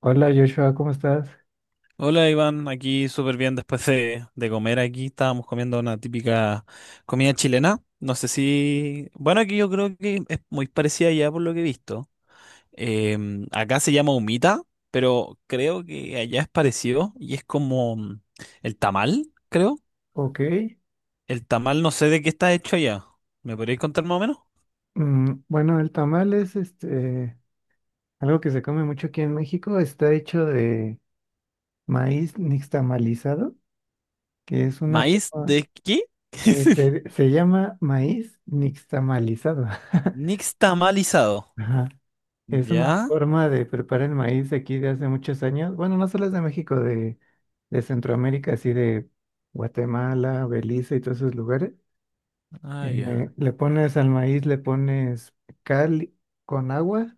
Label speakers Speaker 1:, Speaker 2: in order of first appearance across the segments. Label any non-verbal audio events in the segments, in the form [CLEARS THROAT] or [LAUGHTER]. Speaker 1: Hola, Joshua, ¿cómo estás?
Speaker 2: Hola Iván, aquí súper bien después de comer aquí. Estábamos comiendo una típica comida chilena. No sé si. Bueno, aquí yo creo que es muy parecida allá por lo que he visto. Acá se llama humita, pero creo que allá es parecido y es como el tamal, creo.
Speaker 1: Ok.
Speaker 2: El tamal no sé de qué está hecho allá. ¿Me podríais contar más o menos?
Speaker 1: Bueno, el tamal es algo que se come mucho aquí en México. Está hecho de maíz nixtamalizado, que es una
Speaker 2: ¿Maíz
Speaker 1: forma,
Speaker 2: de qué? [LAUGHS]
Speaker 1: se llama maíz nixtamalizado. [LAUGHS]
Speaker 2: Nixtamalizado.
Speaker 1: Ajá. Es una
Speaker 2: ¿Ya?
Speaker 1: forma de preparar el maíz aquí de hace muchos años. Bueno, no solo es de México, de Centroamérica, así de Guatemala, Belice y todos esos lugares.
Speaker 2: Ah, ya.
Speaker 1: Le pones al maíz, le pones cal con agua.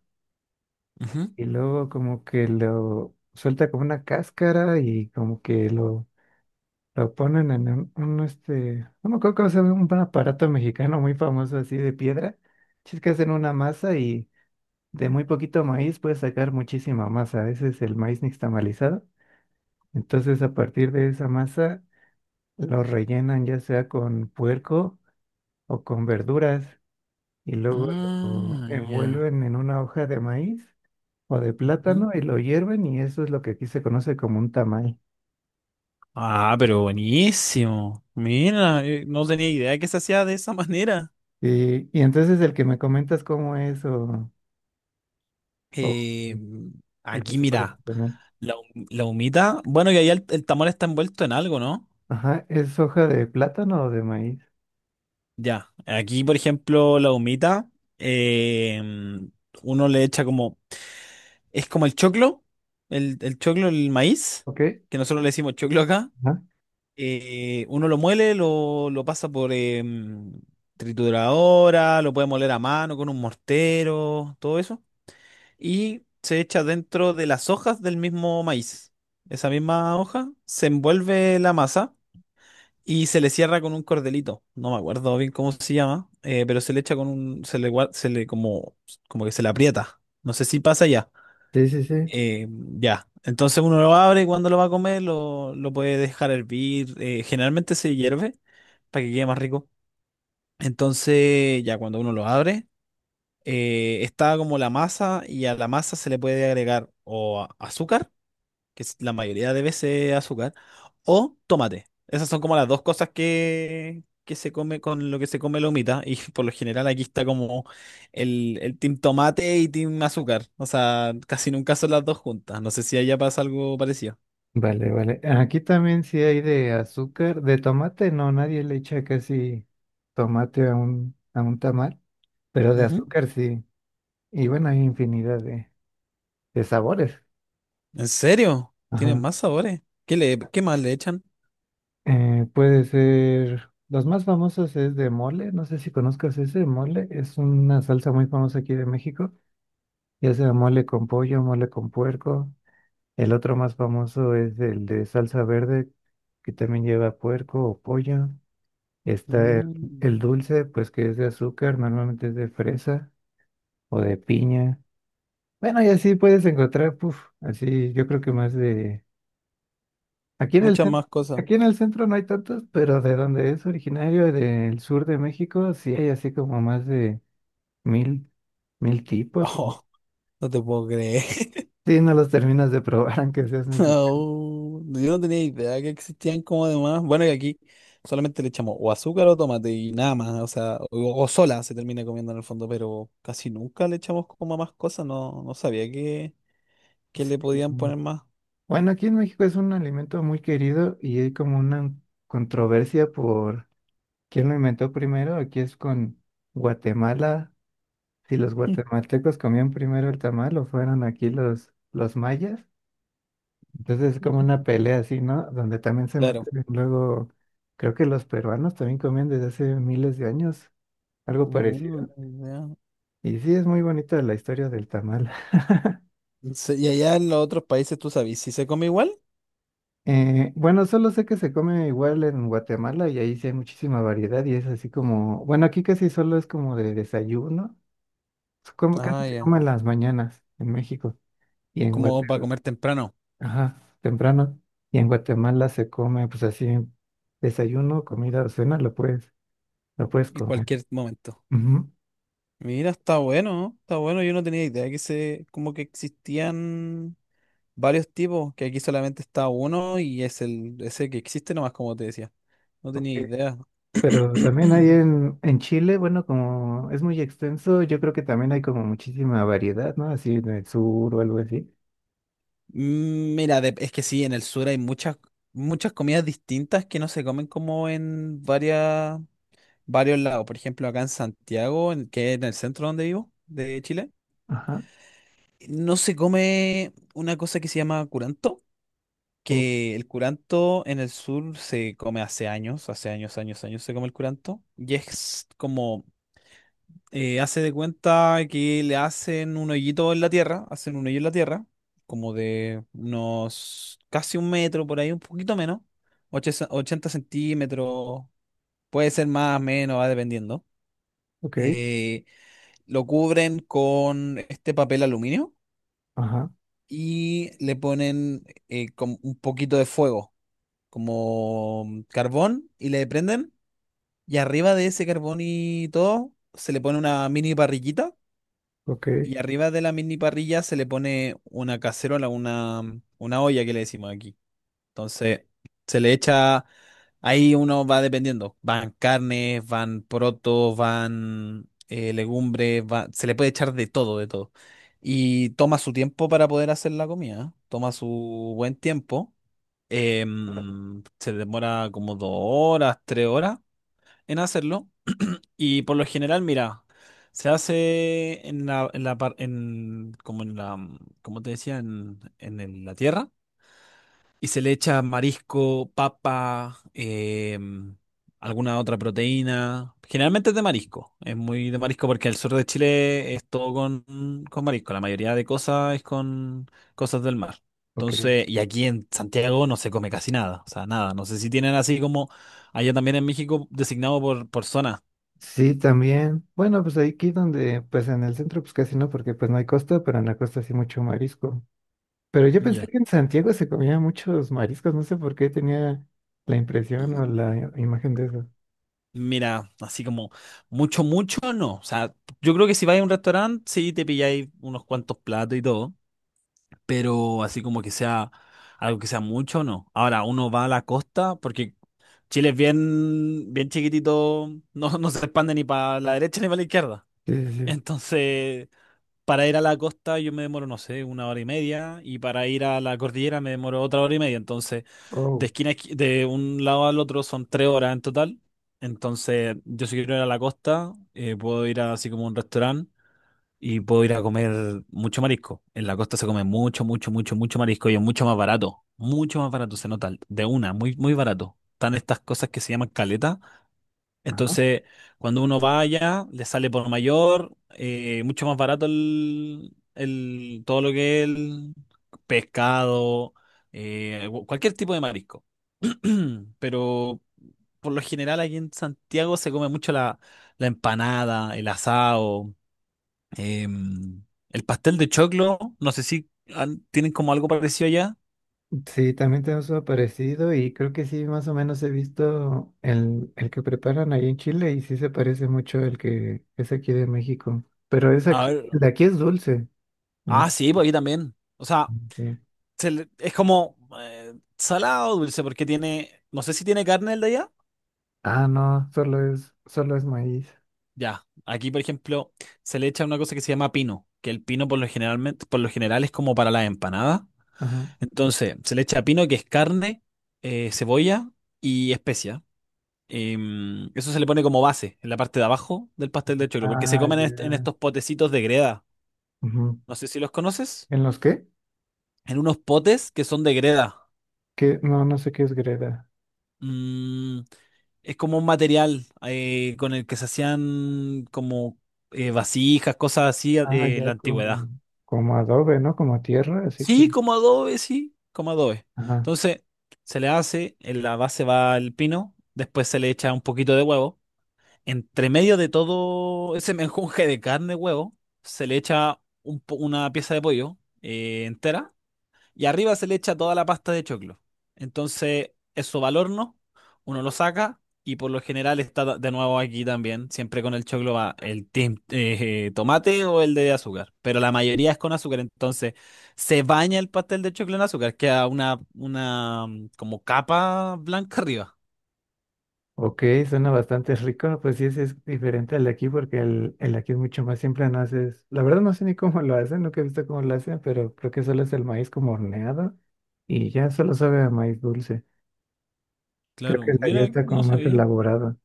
Speaker 2: Ujú.
Speaker 1: Y luego como que lo suelta como una cáscara y como que lo ponen en un no me acuerdo cómo se llama, un aparato mexicano muy famoso así de piedra. Es que hacen una masa y de muy poquito maíz puedes sacar muchísima masa. Ese es el maíz nixtamalizado. Entonces, a partir de esa masa lo rellenan ya sea con puerco o con verduras, y luego lo
Speaker 2: Ah, ya.
Speaker 1: envuelven en una hoja de maíz o de
Speaker 2: Ujú.
Speaker 1: plátano y lo hierven, y eso es lo que aquí se conoce como un tamal.
Speaker 2: Ah, pero buenísimo. Mira, no tenía idea que se hacía de esa [LAUGHS] manera.
Speaker 1: Y entonces el que me comentas cómo es, o
Speaker 2: Eh,
Speaker 1: el que
Speaker 2: Aquí,
Speaker 1: se parece
Speaker 2: mira,
Speaker 1: con él.
Speaker 2: la humita. Bueno, y ahí el tamal está envuelto en algo, ¿no?
Speaker 1: Ajá, ¿es hoja de plátano o de maíz?
Speaker 2: Ya. Aquí, por ejemplo, la humita, eh, uno le echa como. Es como el choclo, el choclo, el maíz,
Speaker 1: Ok.
Speaker 2: que nosotros le decimos choclo acá.
Speaker 1: Ajá.
Speaker 2: Uno lo muele, lo pasa por trituradora, lo puede moler a mano con un mortero, todo eso. Y se echa dentro de las hojas del mismo maíz. Esa misma hoja se envuelve la masa y se le cierra con un cordelito. No me acuerdo bien cómo se llama, pero se le echa con un, se le, se le como, como que se le aprieta. No sé si pasa ya.
Speaker 1: Sí, sí, sí.
Speaker 2: Eh, ya. Entonces uno lo abre y cuando lo va a comer lo puede dejar hervir. Eh, generalmente se hierve para que quede más rico. Entonces ya cuando uno lo abre está como la masa y a la masa se le puede agregar o azúcar, que es la mayoría de veces azúcar, o tomate. Esas son como las dos cosas que se come con lo que se come la humita y [LAUGHS] por lo general aquí está como el team tomate y team azúcar. O sea, casi nunca son las dos juntas. No sé si allá pasa algo parecido.
Speaker 1: Vale, vale. Aquí también sí hay de azúcar, de tomate, no, nadie le echa casi tomate a un tamal, pero de
Speaker 2: Ujú.
Speaker 1: azúcar sí. Y bueno, hay infinidad de sabores.
Speaker 2: ¿En serio? ¿Tienen
Speaker 1: Ajá.
Speaker 2: más sabores? ¿Qué le, qué más le echan?
Speaker 1: Puede ser, los más famosos es de mole, no sé si conozcas ese mole, es una salsa muy famosa aquí de México, ya sea mole con pollo, mole con puerco. El otro más famoso es el de salsa verde, que también lleva puerco o pollo. Está
Speaker 2: Mm,
Speaker 1: el dulce, pues que es de azúcar, normalmente es de fresa o de piña. Bueno, y así puedes encontrar, puf, así yo creo que más de... Aquí en el
Speaker 2: Muchas
Speaker 1: centro,
Speaker 2: más cosas.
Speaker 1: aquí en
Speaker 2: [LAUGHS]
Speaker 1: el centro no hay tantos, pero de donde es originario, del sur de México, sí hay así como más de 1000, 1000 tipos.
Speaker 2: Oh, no te puedo creer.
Speaker 1: Sí, no los terminas de probar [LAUGHS] aunque seas mexicano.
Speaker 2: Oh, yo no tenía idea que existían como demás. Bueno, y aquí solamente le echamos o azúcar o tomate y nada más, o sea, o sola se termina comiendo en el fondo, pero casi nunca le echamos como más cosas, no, no sabía que le podían
Speaker 1: Sí.
Speaker 2: poner más.
Speaker 1: Bueno, aquí en México es un alimento muy querido y hay como una controversia por quién lo inventó primero. Aquí es con Guatemala, si los guatemaltecos comían primero el tamal o fueron aquí los mayas. Entonces es como una pelea así, ¿no? Donde también se
Speaker 2: Claro.
Speaker 1: meten luego, creo que los peruanos también comían desde hace miles de años algo
Speaker 2: Mm,
Speaker 1: parecido.
Speaker 2: ya.
Speaker 1: Y sí, es muy bonita la historia del tamal. [LAUGHS]
Speaker 2: Y allá en los otros países, ¿tú sabes si se come igual?
Speaker 1: Bueno, solo sé que se come igual en Guatemala y ahí sí hay muchísima variedad y es así como, bueno, aquí casi solo es como de desayuno, es como casi
Speaker 2: Ah,
Speaker 1: se
Speaker 2: ya.
Speaker 1: come en las mañanas en México y
Speaker 2: Es
Speaker 1: en
Speaker 2: como para
Speaker 1: Guatemala,
Speaker 2: comer temprano,
Speaker 1: ajá, temprano. Y en Guatemala se come pues así, desayuno, comida, cena, lo puedes
Speaker 2: en
Speaker 1: comer.
Speaker 2: cualquier momento.
Speaker 1: Ujú.
Speaker 2: Mira, está bueno, está bueno. Yo no tenía idea que se, como que existían varios tipos, que aquí solamente está uno y es el ese que existe nomás, como te decía. No
Speaker 1: Ok.
Speaker 2: tenía idea.
Speaker 1: Pero también hay
Speaker 2: [CLEARS THROAT]
Speaker 1: en Chile, bueno, como es muy extenso, yo creo que también hay como muchísima variedad, ¿no? Así en el sur o algo así.
Speaker 2: Mira, es que sí, en el sur hay muchas, muchas comidas distintas que no se comen como en varias, varios lados. Por ejemplo, acá en Santiago, que es en el centro donde vivo, de Chile,
Speaker 1: Ajá.
Speaker 2: no se come una cosa que se llama curanto,
Speaker 1: Oh,
Speaker 2: que el curanto en el sur se come hace años, años, años se come el curanto, y es como hace de cuenta que le hacen un hoyito en la tierra, hacen un hoyo en la tierra, como de unos casi un metro, por ahí un poquito menos, 80 centímetros, puede ser más, menos, va dependiendo.
Speaker 1: ok.
Speaker 2: Eh, lo cubren con este papel aluminio
Speaker 1: Ajá.
Speaker 2: y le ponen como un poquito de fuego, como carbón, y le prenden. Y arriba de ese carbón y todo, se le pone una mini parrillita.
Speaker 1: Ok,
Speaker 2: Y arriba de la mini parrilla se le pone una cacerola, una olla que le decimos aquí. Entonces, se le echa, ahí uno va dependiendo. Van carnes, van porotos, van legumbres, se le puede echar de todo, de todo. Y toma su tiempo para poder hacer la comida, ¿eh? Toma su buen tiempo. Se demora como 2 horas, 3 horas en hacerlo. Y por lo general, mira, se hace en la como en la, como te decía, la tierra. Y se le echa marisco, papa, alguna otra proteína. Generalmente es de marisco. Es muy de marisco porque el sur de Chile es todo con marisco. La mayoría de cosas es con cosas del mar.
Speaker 1: ok.
Speaker 2: Entonces, y aquí en Santiago no se come casi nada. O sea, nada. No sé si tienen así como allá también en México designado por zona.
Speaker 1: Sí, también. Bueno, pues aquí donde, pues en el centro, pues casi no, porque pues no hay costa, pero en la costa sí mucho marisco. Pero yo pensé
Speaker 2: Ya.
Speaker 1: que en Santiago se comía muchos mariscos, no sé por qué tenía la impresión o la imagen de eso.
Speaker 2: Mira, así como mucho, mucho no. O sea, yo creo que si vais a un restaurante, sí te pilláis unos cuantos platos y todo, pero así como que sea algo que sea mucho, no. Ahora, uno va a la costa porque Chile es bien, bien chiquitito, [LAUGHS] no, no se expande ni para la derecha ni para la izquierda.
Speaker 1: Sí, sí, sí.
Speaker 2: Entonces, para ir a la costa yo me demoro, no sé, una hora y media y para ir a la cordillera me demoro otra hora y media. Entonces, de
Speaker 1: Oh.
Speaker 2: esquina a de un lado al otro son 3 horas en total. Entonces, yo si quiero ir a la costa, puedo ir a así como un restaurante y puedo ir a comer mucho marisco. En la costa se come mucho, mucho, mucho, mucho marisco y es mucho más barato. Mucho más barato, se nota de una, muy, muy barato. Están estas cosas que se llaman caletas,
Speaker 1: Ajá.
Speaker 2: entonces, cuando uno vaya, le sale por mayor, mucho más barato el, todo lo que es el pescado, cualquier tipo de marisco. [CLEARS THROAT] Pero por lo general aquí en Santiago se come mucho la, la empanada, el asado. Eh, el pastel de choclo, no sé si tienen como algo parecido allá.
Speaker 1: Sí, también tenemos uno parecido y creo que sí, más o menos he visto el que preparan ahí en Chile y sí se parece mucho al que es aquí de México. Pero es
Speaker 2: A
Speaker 1: aquí,
Speaker 2: ver,
Speaker 1: el de aquí es dulce, ¿no?
Speaker 2: ah, sí, pues aquí también. O sea,
Speaker 1: Sí.
Speaker 2: se es como salado dulce porque tiene, no sé si tiene carne el de allá.
Speaker 1: Ah, no, solo es maíz.
Speaker 2: Ya, aquí por ejemplo se le echa una cosa que se llama pino, que el pino por lo general es como para las empanadas.
Speaker 1: Ajá.
Speaker 2: Entonces, se le echa pino, que es carne, cebolla y especia. Eso se le pone como base en la parte de abajo del pastel de choclo, porque se
Speaker 1: Ah,
Speaker 2: comen en, en
Speaker 1: ya.
Speaker 2: estos potecitos de greda.
Speaker 1: Ujú.
Speaker 2: No sé si los conoces.
Speaker 1: ¿En los qué?
Speaker 2: En unos potes que son de greda.
Speaker 1: ¿Qué? No, no sé qué es greda.
Speaker 2: Mm, es como un material con el que se hacían como vasijas, cosas así,
Speaker 1: Ah,
Speaker 2: en
Speaker 1: ya
Speaker 2: la antigüedad.
Speaker 1: como, como adobe, ¿no? Como tierra, así que.
Speaker 2: Sí, como adobe, sí, como adobe.
Speaker 1: Ajá.
Speaker 2: Entonces, se le hace, en la base va el pino, después se le echa un poquito de huevo. Entre medio de todo ese menjunje de carne, huevo, se le echa una pieza de pollo entera y arriba se le echa toda la pasta de choclo. Entonces, eso va al horno, uno lo saca y por lo general está de nuevo aquí también. Siempre con el choclo va el tomate o el de azúcar, pero la mayoría es con azúcar. Entonces, se baña el pastel de choclo en azúcar, queda una como capa blanca arriba.
Speaker 1: Ok, suena bastante rico, pues sí, ese es diferente al de aquí porque el de aquí es mucho más simple, no haces, la verdad no sé ni cómo lo hacen, nunca he visto cómo lo hacen, pero creo que solo es el maíz como horneado y ya solo sabe a maíz dulce. Creo
Speaker 2: Claro,
Speaker 1: que el de allá
Speaker 2: mira,
Speaker 1: está como
Speaker 2: no
Speaker 1: más
Speaker 2: sabía.
Speaker 1: elaborado.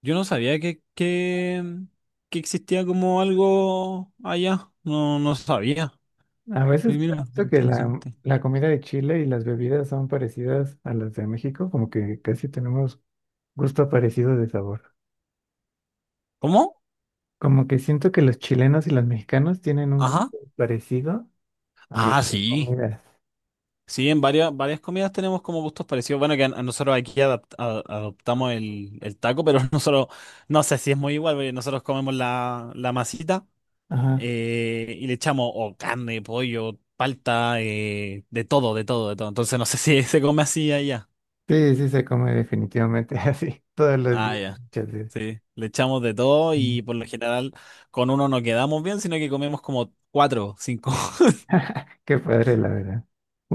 Speaker 2: Yo no sabía que existía como algo allá. No, no sabía.
Speaker 1: A
Speaker 2: Y
Speaker 1: veces
Speaker 2: mira,
Speaker 1: pienso que la,
Speaker 2: interesante.
Speaker 1: la comida de Chile y las bebidas son parecidas a las de México, como que casi tenemos gusto parecido de sabor.
Speaker 2: ¿Cómo?
Speaker 1: Como que siento que los chilenos y los mexicanos tienen un
Speaker 2: Ajá.
Speaker 1: gusto parecido a la
Speaker 2: Ah, sí.
Speaker 1: comida.
Speaker 2: Sí, en varias, varias comidas tenemos como gustos parecidos. Bueno, que a nosotros aquí adoptamos el taco, pero [LAUGHS] nosotros, no sé si es muy igual, porque nosotros comemos la, la masita
Speaker 1: Ajá.
Speaker 2: y le echamos o carne, pollo, palta, de todo, de todo, de todo. Entonces no sé si [LAUGHS] se come así allá.
Speaker 1: Sí, sí se come definitivamente [LAUGHS] así, todos los
Speaker 2: Ah,
Speaker 1: días,
Speaker 2: ya.
Speaker 1: muchas veces.
Speaker 2: Sí, le echamos de todo
Speaker 1: Mm.
Speaker 2: y por lo general con uno no quedamos bien, sino que comemos como cuatro, cinco. [LAUGHS]
Speaker 1: Qué padre, la verdad.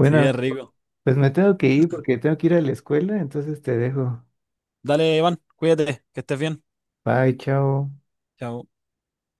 Speaker 2: Sí, es rico.
Speaker 1: pues me tengo que ir porque tengo que ir a la escuela, entonces te dejo.
Speaker 2: Dale, Iván, cuídate, que estés bien.
Speaker 1: Bye, chao.
Speaker 2: Chao.